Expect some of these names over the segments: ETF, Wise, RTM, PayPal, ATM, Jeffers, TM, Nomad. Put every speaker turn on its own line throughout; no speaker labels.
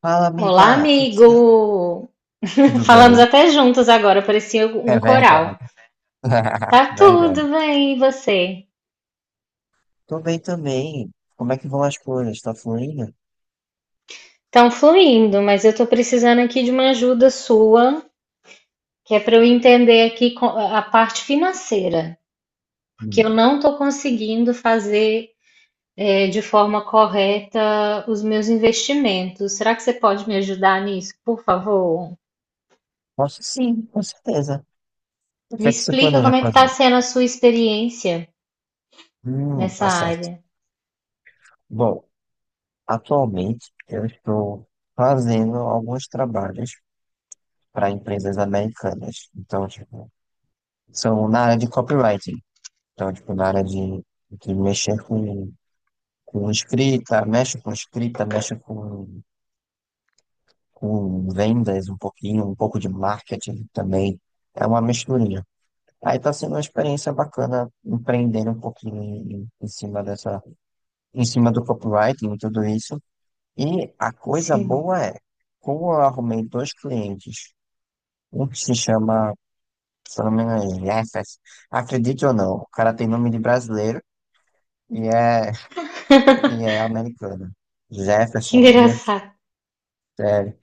Fala,
Olá,
amiga, tudo certo?
amigo!
Tudo
Falamos
bem?
até juntos agora, parecia
É
um coral.
verdade.
Tá
Verdade.
tudo bem, e você?
Tô bem também. Como é que vão as coisas? Tá fluindo?
Estão fluindo, mas eu tô precisando aqui de uma ajuda sua, que é para eu entender aqui a parte financeira, porque eu
Hum.
não tô conseguindo fazer de forma correta os meus investimentos. Será que você pode me ajudar nisso, por favor?
Posso sim, com certeza. O que
Me
é que você
explica
planeja
como é que tá
fazer?
sendo a sua experiência nessa
Tá certo.
área.
Bom, atualmente eu estou fazendo alguns trabalhos para empresas americanas. Então, tipo, são na área de copywriting. Então, tipo, na área de mexer com escrita, mexe com escrita, mexe com vendas um pouquinho, um pouco de marketing também. É uma misturinha. Aí está sendo uma experiência bacana empreender um pouquinho em cima dessa, em cima do copywriting e tudo isso. E a coisa
Sim,
boa é, como eu arrumei dois clientes, um que se chama, se eu não me engano, Jeffers, acredite ou não, o cara tem nome de brasileiro e é, e é americano.
que
Jefferson,
engraçado.
é,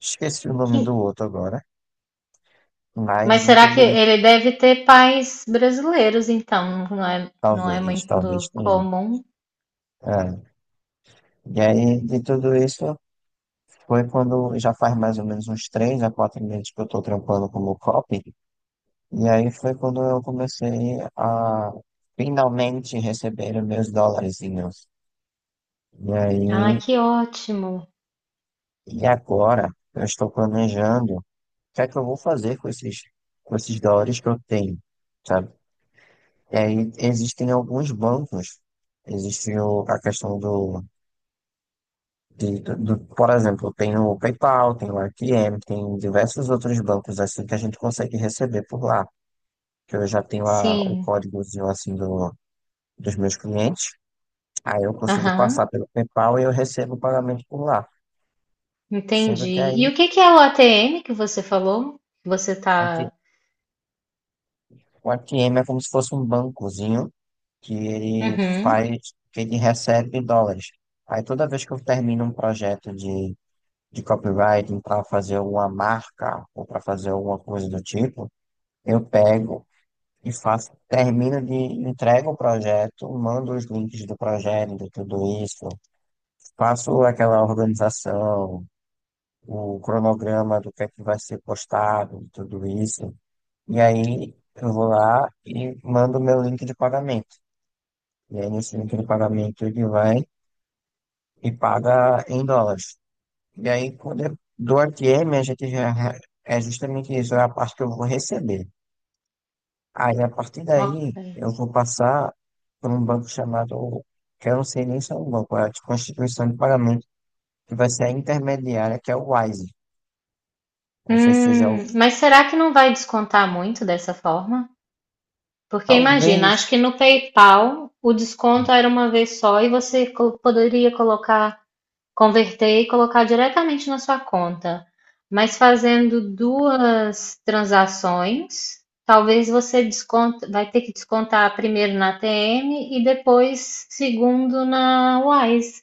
esqueci o nome
Que
do outro agora, mas
Mas
de
será
tudo.
que ele deve ter pais brasileiros, então? Não é
Talvez,
muito
talvez tenha.
comum.
É. E aí, de tudo isso, foi quando já faz mais ou menos uns 3 a 4 meses que eu tô trampando como copy. E aí foi quando eu comecei a finalmente receber os meus dólarzinhos. E
Ah,
aí,
que ótimo.
e agora eu estou planejando o que é que eu vou fazer com esses dólares que eu tenho, sabe? E aí existem alguns bancos. Existe o, a questão do de- do- do- Por exemplo, tem o PayPal, tem o R T M, tem diversos outros bancos assim que a gente consegue receber por lá. Que eu já tenho o
Sim.
códigozinho assim dos meus clientes. Aí eu consigo passar
Aham.
pelo PayPal e eu recebo o pagamento por lá. Sendo que
Entendi.
aí
E o que que é o ATM que você falou? Você
aqui,
tá.
o A T M é como se fosse um bancozinho que ele
Uhum.
faz, que ele recebe dólares. Aí toda vez que eu termino um projeto de copywriting para fazer uma marca ou para fazer alguma coisa do tipo, eu pego. E faço, termino de entrego o projeto, mando os links do projeto, de tudo isso, faço aquela organização, o cronograma do que é que vai ser postado, de tudo isso. E aí eu vou lá e mando meu link de pagamento. E aí nesse link de pagamento ele vai e paga em dólares. E aí quando eu dou a TM, a gente já é justamente isso, é a parte que eu vou receber. Aí, a partir
Ok.
daí, eu vou passar por um banco chamado, que eu não sei nem se é um banco, é tipo uma instituição de pagamento, que vai ser a intermediária, que é o Wise. Não sei se você já ouviu
Mas
falar.
será que não vai descontar muito dessa forma? Porque imagina,
Talvez.
acho que no PayPal o desconto era uma vez só e você poderia colocar converter e colocar diretamente na sua conta. Mas fazendo duas transações, talvez você desconta, vai ter que descontar primeiro na TM e depois segundo na Wise.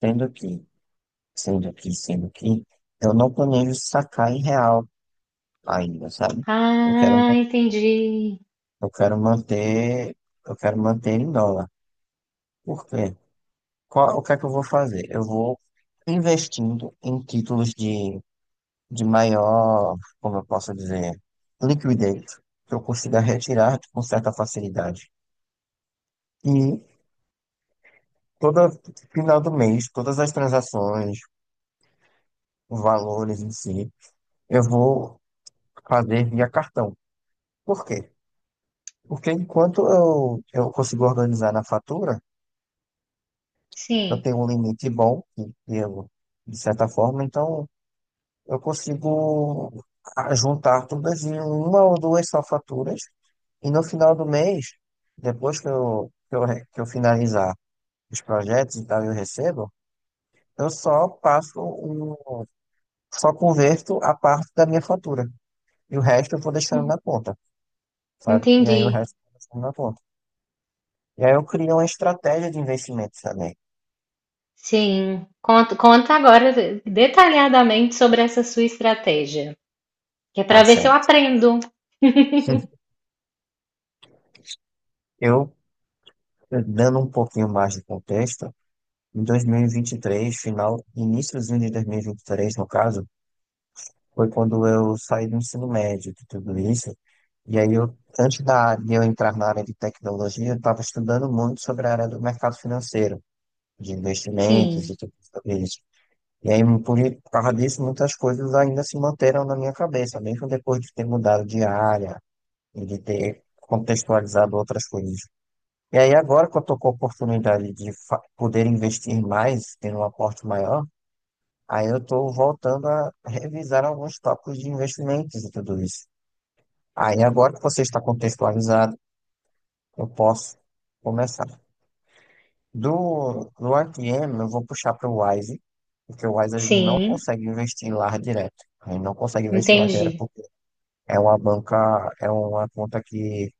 Sendo que, sendo que, sendo que, eu não planejo sacar em real ainda, sabe? Eu quero,
Ah,
ma-
entendi.
eu quero manter, eu quero manter em dólar. Por quê? O que é que eu vou fazer? Eu vou investindo em títulos de maior, como eu posso dizer, liquidez, que eu consiga retirar com certa facilidade. E todo final do mês, todas as transações, valores em si, eu vou fazer via cartão. Por quê? Porque enquanto eu consigo organizar na fatura, eu
Sim,
tenho um limite bom, que eu, de certa forma, então eu consigo juntar todas em uma ou duas só faturas. E no final do mês, depois que eu finalizar os projetos e tal, eu recebo, eu só passo o só converto a parte da minha fatura. E o resto eu vou deixando na conta, sabe? E aí o
entendi.
resto eu vou deixando na conta. E aí eu crio uma estratégia de investimento também,
Sim. Conta, conta agora detalhadamente sobre essa sua estratégia, que é
tá
para ver se eu
certo?
aprendo.
Eu, dando um pouquinho mais de contexto, em dois mil e vinte e três final, iníciozinho de dois mil e vinte e três no caso, foi quando eu saí do ensino médio de tudo isso. E aí de eu entrar na área de tecnologia, eu estava estudando muito sobre a área do mercado financeiro, de
Sim,
investimentos e tudo sobre isso. E aí, por causa disso, muitas coisas ainda se manteram na minha cabeça, mesmo depois de ter mudado de área e de ter contextualizado outras coisas. E aí, agora que eu estou com a oportunidade poder investir mais, ter um aporte maior, aí eu estou voltando a revisar alguns tópicos de investimentos e tudo isso. Aí, agora que você está contextualizado, eu posso começar. Do RTM, eu vou puxar para o Wise, porque o Wise a gente não
sim,
consegue investir lá direto. A gente não consegue investir lá
entendi.
direto porque é uma banca, é uma conta que,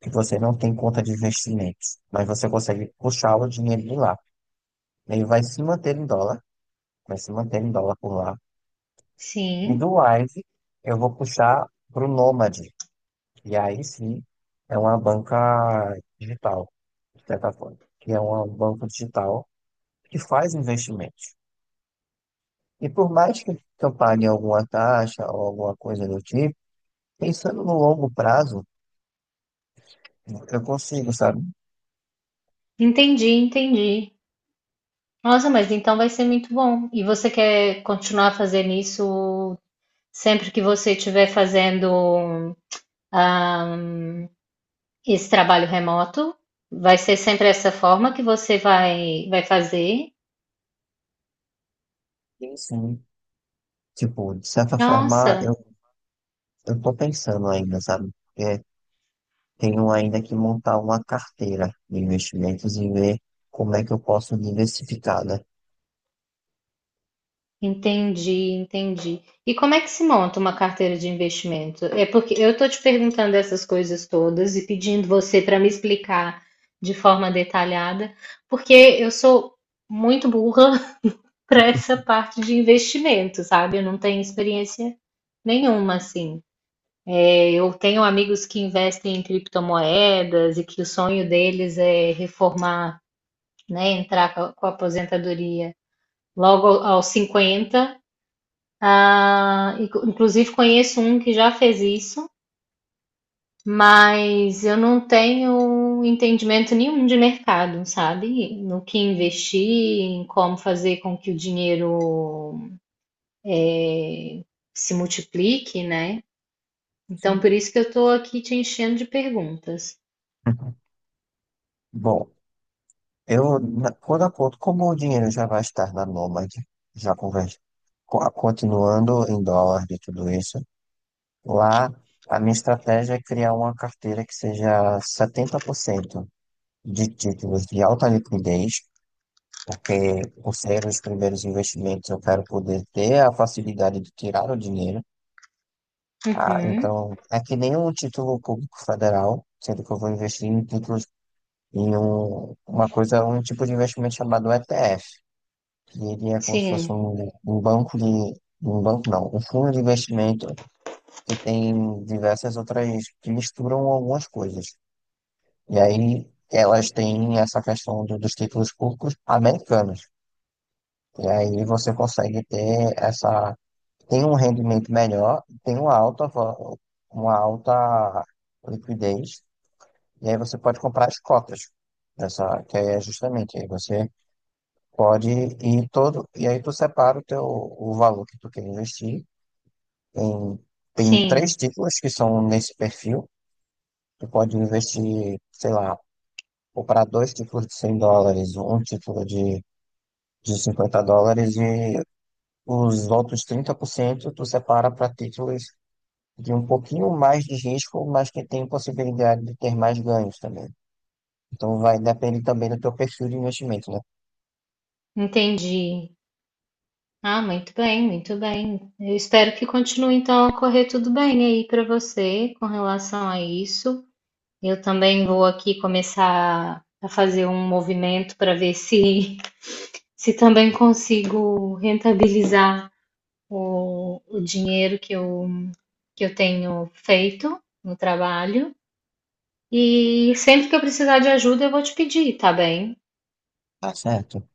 que você não tem conta de investimentos, mas você consegue puxar o dinheiro de lá. Ele vai se manter em dólar, vai se manter em dólar por lá. E
Sim,
do Wise, eu vou puxar para o Nomad. E aí sim é uma banca digital, de certa forma, que é uma banco digital que faz investimentos. E por mais que eu pague alguma taxa ou alguma coisa do tipo, pensando no longo prazo, eu consigo, sabe?
entendi, entendi. Nossa, mas então vai ser muito bom. E você quer continuar fazendo isso sempre que você estiver fazendo ah, esse trabalho remoto? Vai ser sempre essa forma que você vai fazer?
Sim, sim. Tipo, de certa forma, eu,
Nossa,
eu tô pensando ainda, sabe? Porque tenho ainda que montar uma carteira de investimentos e ver como é que eu posso diversificar, né?
entendi, entendi. E como é que se monta uma carteira de investimento? É porque eu estou te perguntando essas coisas todas e pedindo você para me explicar de forma detalhada, porque eu sou muito burra para essa parte de investimento, sabe? Eu não tenho experiência nenhuma, assim. É, eu tenho amigos que investem em criptomoedas e que o sonho deles é reformar, né? Entrar com a aposentadoria logo aos 50. Ah, inclusive conheço um que já fez isso, mas eu não tenho entendimento nenhum de mercado, sabe? No que investir, em como fazer com que o dinheiro se multiplique, né? Então,
Sim.
por isso que eu tô aqui te enchendo de perguntas.
Bom, quando a conta, como o dinheiro já vai estar na Nomad, já conversa, continuando em dólar e tudo isso, lá a minha estratégia é criar uma carteira que seja 70% de títulos de alta liquidez, porque por ser os primeiros investimentos eu quero poder ter a facilidade de tirar o dinheiro. Ah,
Uhum.
então, é que nem um título público federal, sendo que eu vou investir em títulos em uma coisa, um tipo de investimento chamado ETF que ele é como se fosse
Sim,
um banco de. Um banco não, um fundo de investimento que tem diversas outras que misturam algumas coisas. E aí elas têm essa questão dos títulos públicos americanos. E aí você consegue ter essa. Tem um rendimento melhor, tem uma alta liquidez, e aí você pode comprar as cotas. Essa, que aí é justamente, aí você pode ir todo, e aí tu separa o valor que tu quer investir. Tem, tem
sim,
três títulos que são nesse perfil. Tu pode investir, sei lá, comprar dois títulos de US$ 100, um título de US$ 50 e os outros 30% tu separa para títulos de um pouquinho mais de risco, mas que tem possibilidade de ter mais ganhos também. Então vai depender também do teu perfil de investimento, né?
entendi. Ah, muito bem, muito bem. Eu espero que continue então a correr tudo bem aí para você com relação a isso. Eu também vou aqui começar a fazer um movimento para ver se se também consigo rentabilizar o dinheiro que eu tenho feito no trabalho. E sempre que eu precisar de ajuda, eu vou te pedir, tá bem?
Tá certo?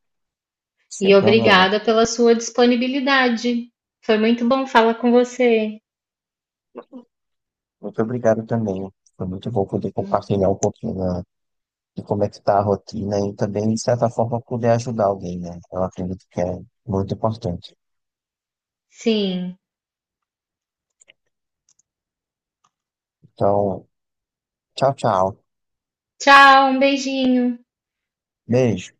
E
Sem problema.
obrigada pela sua disponibilidade. Foi muito bom falar com você.
Muito obrigado também. Foi muito bom poder compartilhar um pouquinho da de como é que tá a rotina e também, de certa forma, poder ajudar alguém, né? Eu acredito que é muito importante.
Sim.
Então, tchau, tchau.
Tchau, um beijinho.
Beijo.